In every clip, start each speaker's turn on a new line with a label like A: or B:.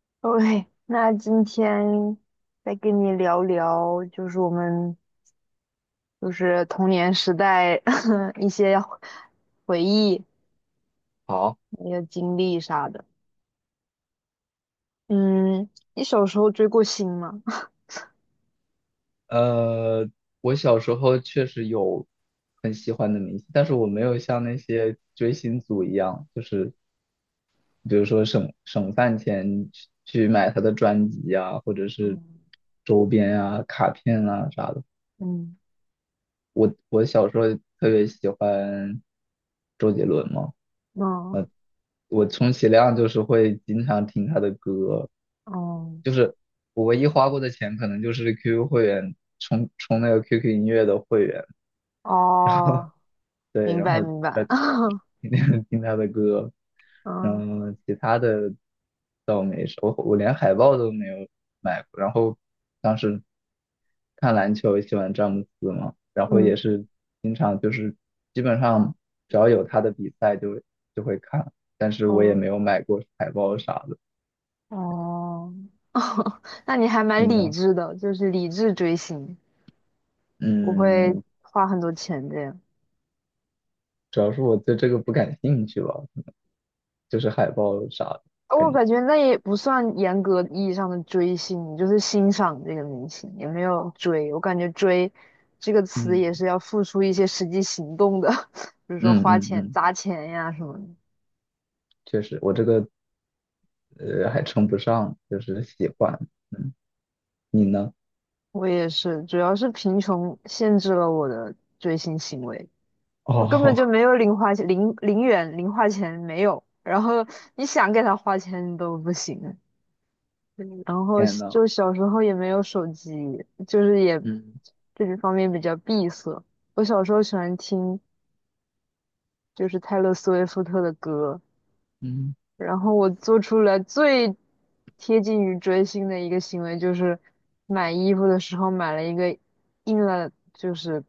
A: OK，那今天再跟你聊聊，就是我们就是童年时代 一些回忆、
B: 好，
A: 一些经历啥的。嗯，你小时候追过星吗？
B: 呃，我小时候确实有很喜欢的明星，但是我没有像那些追星族一样，就是比如说省饭钱去买他的专辑啊，或者 是
A: 嗯
B: 周边啊、卡片啊啥的。
A: 嗯
B: 我小时候特别喜欢周杰伦嘛，
A: 嗯
B: 我充其量就是会经常听他的歌，
A: 嗯
B: 就是我唯一花过的钱可能就是 QQ 会员充那个 QQ 音乐的会员。
A: 哦，
B: 对，
A: 明
B: 然
A: 白
B: 后
A: 明白。
B: 天 听听他的歌，
A: 嗯
B: 嗯，其他的倒没什么我连海报都没有买过。然后当时看篮球，喜欢詹姆斯嘛，然后也
A: 嗯
B: 是经常就是基本上只要有他的比赛就会看，但是我也
A: 嗯
B: 没有买过海报啥的。
A: 哦，那你还蛮
B: 你
A: 理
B: 呢？
A: 智的，就是理智追星，不会
B: 嗯，
A: 花很多钱这样。
B: 主要是我对这个不感兴趣吧，就是海报啥的，
A: 我
B: 感觉。
A: 感觉那也不算严格意义上的追星，你就是欣赏这个明星，也没有追。我感觉"追"这个词
B: 嗯
A: 也是要付出一些实际行动的，比如说
B: 嗯
A: 花
B: 嗯
A: 钱、
B: 嗯，
A: 砸钱呀什么的。
B: 确实，我这个还称不上，就是喜欢。嗯，你呢？
A: 我也是，主要是贫穷限制了我的追星行为，我
B: 哦，
A: 根本就 没有零花钱，零零元零花钱没有。然后你想给他花钱都不行。嗯然后
B: 天呐，
A: 小时候也没有手机，就是也
B: 嗯
A: 这个方面比较闭塞。我小时候喜欢听就是泰勒·斯威夫特的歌，
B: 嗯，
A: 然后我做出来最贴近于追星的一个行为就是买衣服的时候买了一个印了就是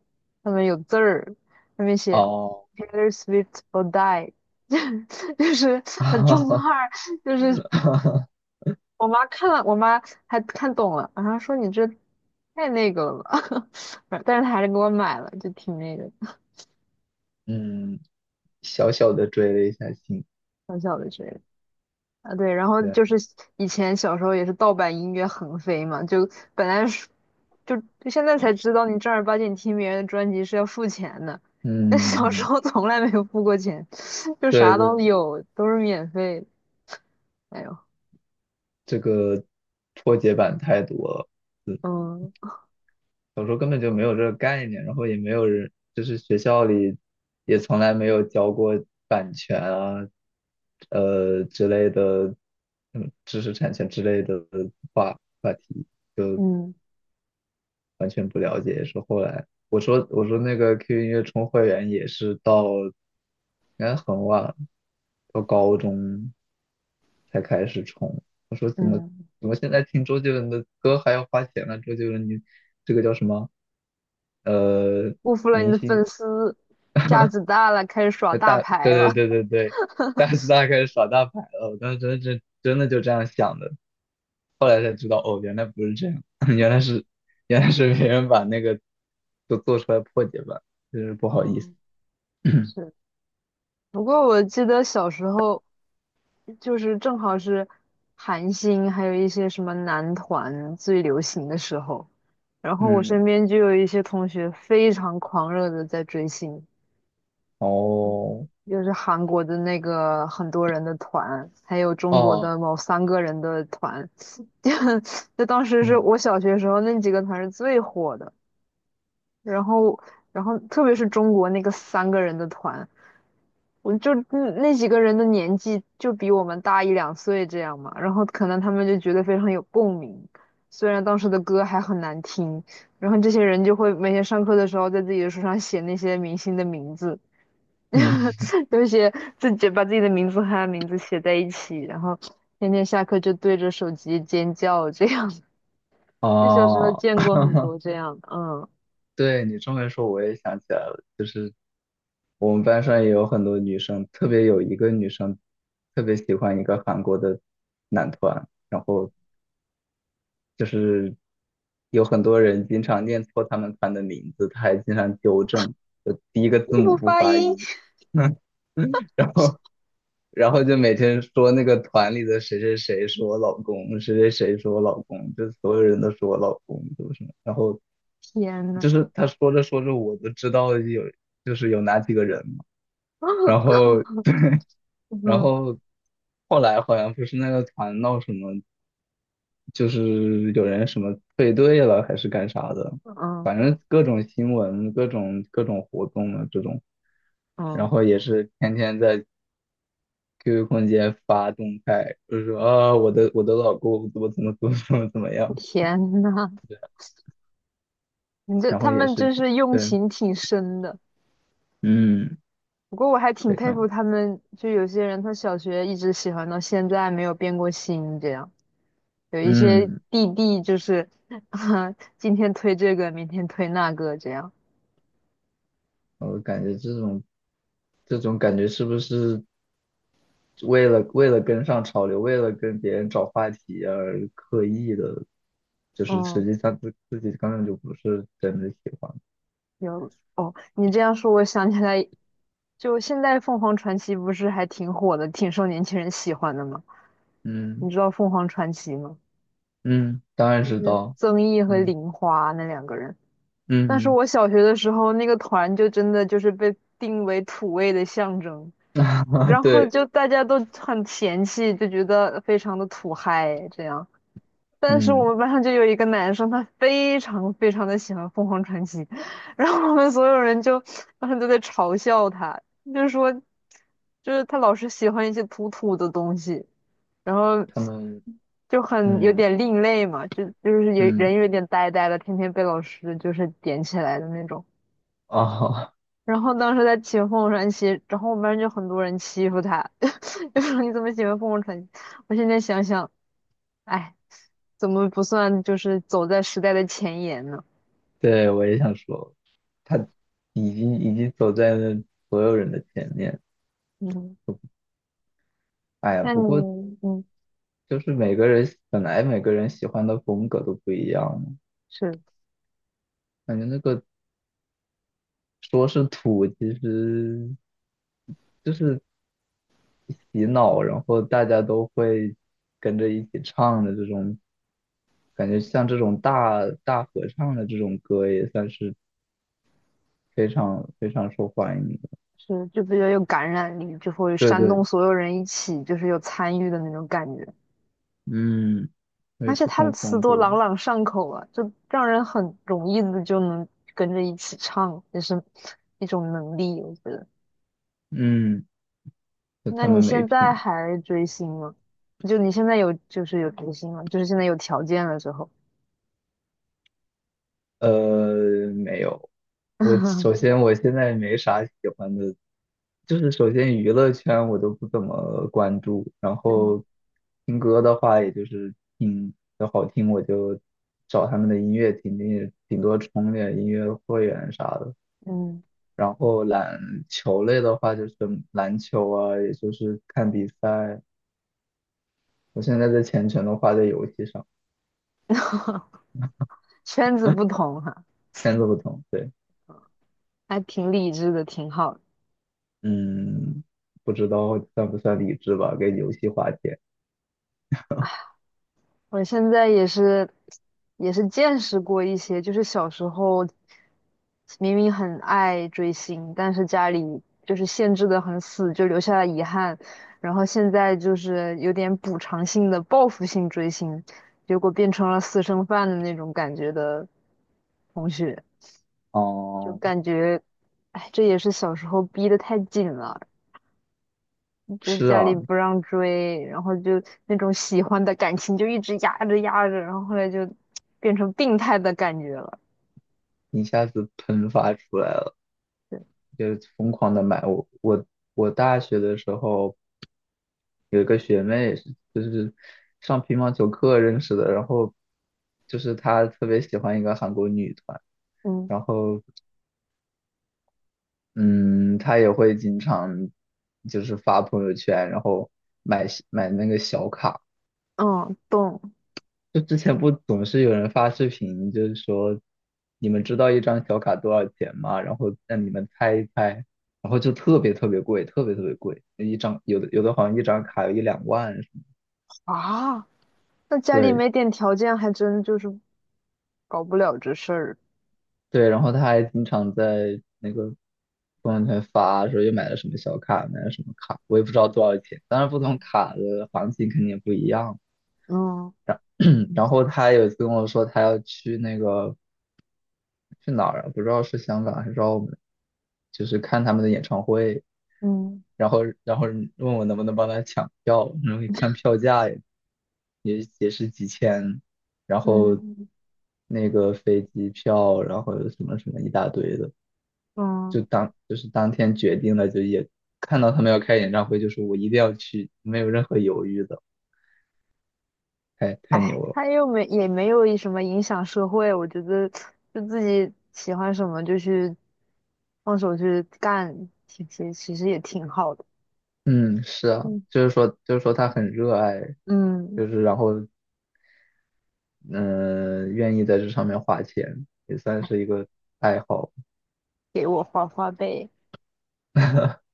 A: 上面有字儿，上面写
B: 哦，
A: Taylor Swift or Die，就是很中
B: 哈
A: 二，就是
B: 哈哈
A: 我妈看了，我妈还看懂了，然后说你这太那个了吧，但是她还是给我买了，就挺那个
B: 嗯，小小的追了一下星，
A: 小小的这个啊，对，然后
B: 对，
A: 就是以前小时候也是盗版音乐横飞嘛，就本来是就就现在才知道你正儿八经听别人的专辑是要付钱的，但小时
B: 嗯，
A: 候从来没有付过钱，就
B: 对
A: 啥
B: 对，
A: 都有，都是免费的，哎呦，
B: 这个破解版太多了，嗯，
A: 嗯
B: 小时候根本就没有这个概念，然后也没有人，就是学校里也从来没有教过版权啊，之类的，嗯，知识产权之类的话。话题。
A: 嗯
B: 完全不了解，也是后来我说那个 QQ 音乐充会员也是到应该很晚，到高中才开始充。
A: 嗯，
B: 怎么现在听周杰伦的歌还要花钱呢？周杰伦你这个叫什么？呃，
A: 辜负了你
B: 明
A: 的粉
B: 星
A: 丝，架子大了，开始耍大牌
B: 对
A: 了。
B: 对对对对，开始耍大牌了。我当时真的就这样想的。后来才知道，哦，原来不是这样，原来是原来是别人把那个都做出来破解版，真是不好意思。
A: 嗯，是。不过我记得小时候，就是正好是韩星，还有一些什么男团最流行的时候，然 后我
B: 嗯，
A: 身边就有一些同学非常狂热的在追星，
B: 哦，
A: 就是韩国的那个很多人的团，还有中国
B: 哦，
A: 的某三个人的团，就就当时是
B: 嗯
A: 我小学时候那几个团是最火的，然后然后特别是中国那个三个人的团。我就那几个人的年纪就比我们大一两岁这样嘛，然后可能他们就觉得非常有共鸣，虽然当时的歌还很难听，然后这些人就会每天上课的时候在自己的书上写那些明星的名字，
B: 嗯，
A: 就写自己把自己的名字和他的名字写在一起，然后天天下课就对着手机尖叫这样。就小时候
B: 哦，
A: 见过很 多这样的，嗯，
B: 对你这么一说，我也想起来了，就是我们班上也有很多女生，特别有一个女生特别喜欢一个韩国的男团，然后就是有很多人经常念错他们团的名字，他还经常纠正，就第一个字
A: 一
B: 母
A: 不
B: 不
A: 发
B: 发
A: 音，
B: 音，然后然后就每天说那个团里的谁谁谁是我老公，谁谁谁是我老公，就所有人都是我老公，就是什么，然后
A: 天
B: 就
A: 呐，
B: 是他说着说着我都知道有就是有哪几个人嘛，然后 然
A: 嗯
B: 后后来好像不是那个团闹什么。就是有人什么退队了还是干啥的，
A: 嗯
B: 反正各种新闻、各种各种活动的这种，然
A: 嗯，
B: 后也是天天在 QQ 空间发动态，就是说啊，我的老公怎么怎么怎么怎么怎么样，
A: 天呐。
B: 然
A: 他
B: 后也
A: 们
B: 是
A: 真是用
B: 对，
A: 情挺深的。
B: 嗯，
A: 不过我还挺
B: 非
A: 佩服
B: 常，
A: 他们，就有些人他小学一直喜欢到现在没有变过心，这样有一些
B: 嗯，
A: 弟弟就是啊，今天推这个，明天推那个，这样。
B: 我感觉这种感觉是不是？为了跟上潮流，为了跟别人找话题而刻意的，就是
A: 嗯，
B: 实际上自己根本就不是真的喜欢。
A: 有哦，你这样说，我想起来，就现在凤凰传奇不是还挺火的，挺受年轻人喜欢的吗？
B: 嗯
A: 你知道凤凰传奇吗？
B: 嗯，当然知道。
A: 曾毅和
B: 嗯
A: 玲花那两个人。但是
B: 嗯，
A: 我小学的时候，那个团就真的就是被定为土味的象征，
B: 啊
A: 然后
B: 对，
A: 就大家都很嫌弃，就觉得非常的土嗨这样。但是我
B: 嗯，
A: 们班上就有一个男生，他非常非常的喜欢凤凰传奇，然后我们所有人就当时都在嘲笑他，就是说，就是他老是喜欢一些土土的东西，然后
B: 他们，
A: 就很有
B: 嗯
A: 点另类嘛，就是有
B: 嗯，
A: 人有点呆呆的，天天被老师就是点起来的那种。
B: 哦，
A: 然后当时在骑凤凰传奇，然后我们班就很多人欺负他，就说你怎么喜欢凤凰传奇？我现在想想，哎，怎么不算就是走在时代的前沿呢？
B: 对，我也想说，他已经走在了所有人的前面。
A: 嗯，
B: 哎呀，
A: 那
B: 不过
A: 你嗯
B: 就是每个人本来每个人喜欢的风格都不一样嘛
A: 是
B: 感觉那个说是土，其实就是洗脑，然后大家都会跟着一起唱的这种，感觉像这种大合唱的这种歌也算是非常非常受欢迎的。
A: 是就比较有感染力，就会
B: 对
A: 煽
B: 对，
A: 动所有人一起，就是有参与的那种感觉。
B: 嗯，对，
A: 而且
B: 不
A: 他的
B: 同
A: 词
B: 风
A: 多
B: 格，
A: 朗朗上口啊，就让人很容易的就能跟着一起唱，也是一种能力，我觉得。
B: 嗯，就
A: 那
B: 他
A: 你
B: 们没
A: 现
B: 品。
A: 在还追星吗？就你现在有追星吗？就是现在有条件了之后，
B: 没有。我首 先我现在没啥喜欢的，就是首先娱乐圈我都不怎么关注，然
A: 嗯，
B: 后听歌的话，也就是听要好听我就找他们的音乐听听，顶多充点音乐会员啥的。
A: 嗯，
B: 然后篮球类的话，就是篮球啊，也就是看比赛。我现在在全程都花在游戏上，
A: 圈 子
B: 现
A: 不同哈，
B: 在都不同，对。
A: 还挺理智的，挺好。
B: 嗯，不知道算不算理智吧，跟游戏花钱。
A: 我现在也是，也是见识过一些，就是小时候明明很爱追星，但是家里就是限制的很死，就留下了遗憾。然后现在就是有点补偿性的报复性追星，结果变成了私生饭的那种感觉的同学，就
B: 哦，
A: 感觉，哎，这也是小时候逼得太紧了。就
B: 是
A: 家里
B: 啊，
A: 不让追，然后就那种喜欢的感情就一直压着压着，然后后来就变成病态的感觉了。
B: 一下子喷发出来了，
A: 对
B: 就疯狂的买。我大学的时候有一个学妹是就是上乒乓球课认识的，然后就是她特别喜欢一个韩国女团，
A: 嗯
B: 然后嗯，她也会经常就是发朋友圈，然后买那个小卡。
A: 嗯，懂
B: 就之前不总是有人发视频，就是说你们知道一张小卡多少钱吗？然后让你们猜一猜，然后就特别特别贵，特别特别贵，一张有的好像一张卡有一两万什么。
A: 啊。那家里
B: 对
A: 没点条件，还真就是搞不了这事儿。
B: 对，然后他还经常在那个朋友圈发说又买了什么小卡，买了什么卡，我也不知道多少钱。当然不同卡的行情肯定也不一样。
A: 嗯
B: 然后他有一次跟我说他要去那个去哪儿啊？不知道是香港还是澳门，就是看他们的演唱会，
A: 嗯
B: 然后问我能不能帮他抢票，然后一看票价也是几千，然后
A: 嗯
B: 那个飞机票，然后什么什么一大堆的，
A: 嗯，
B: 就是当天决定了，就也看到他们要开演唱会，就是我一定要去，没有任何犹豫的，太
A: 哎，
B: 牛了。
A: 他又没也没有什么影响社会，我觉得就自己喜欢什么就去放手去干，其实也挺好的。
B: 嗯，是啊，
A: 嗯
B: 就是说他很热爱，
A: 嗯。
B: 就是然后嗯、愿意在这上面花钱，也算是一个爱好。
A: 给我花花呗。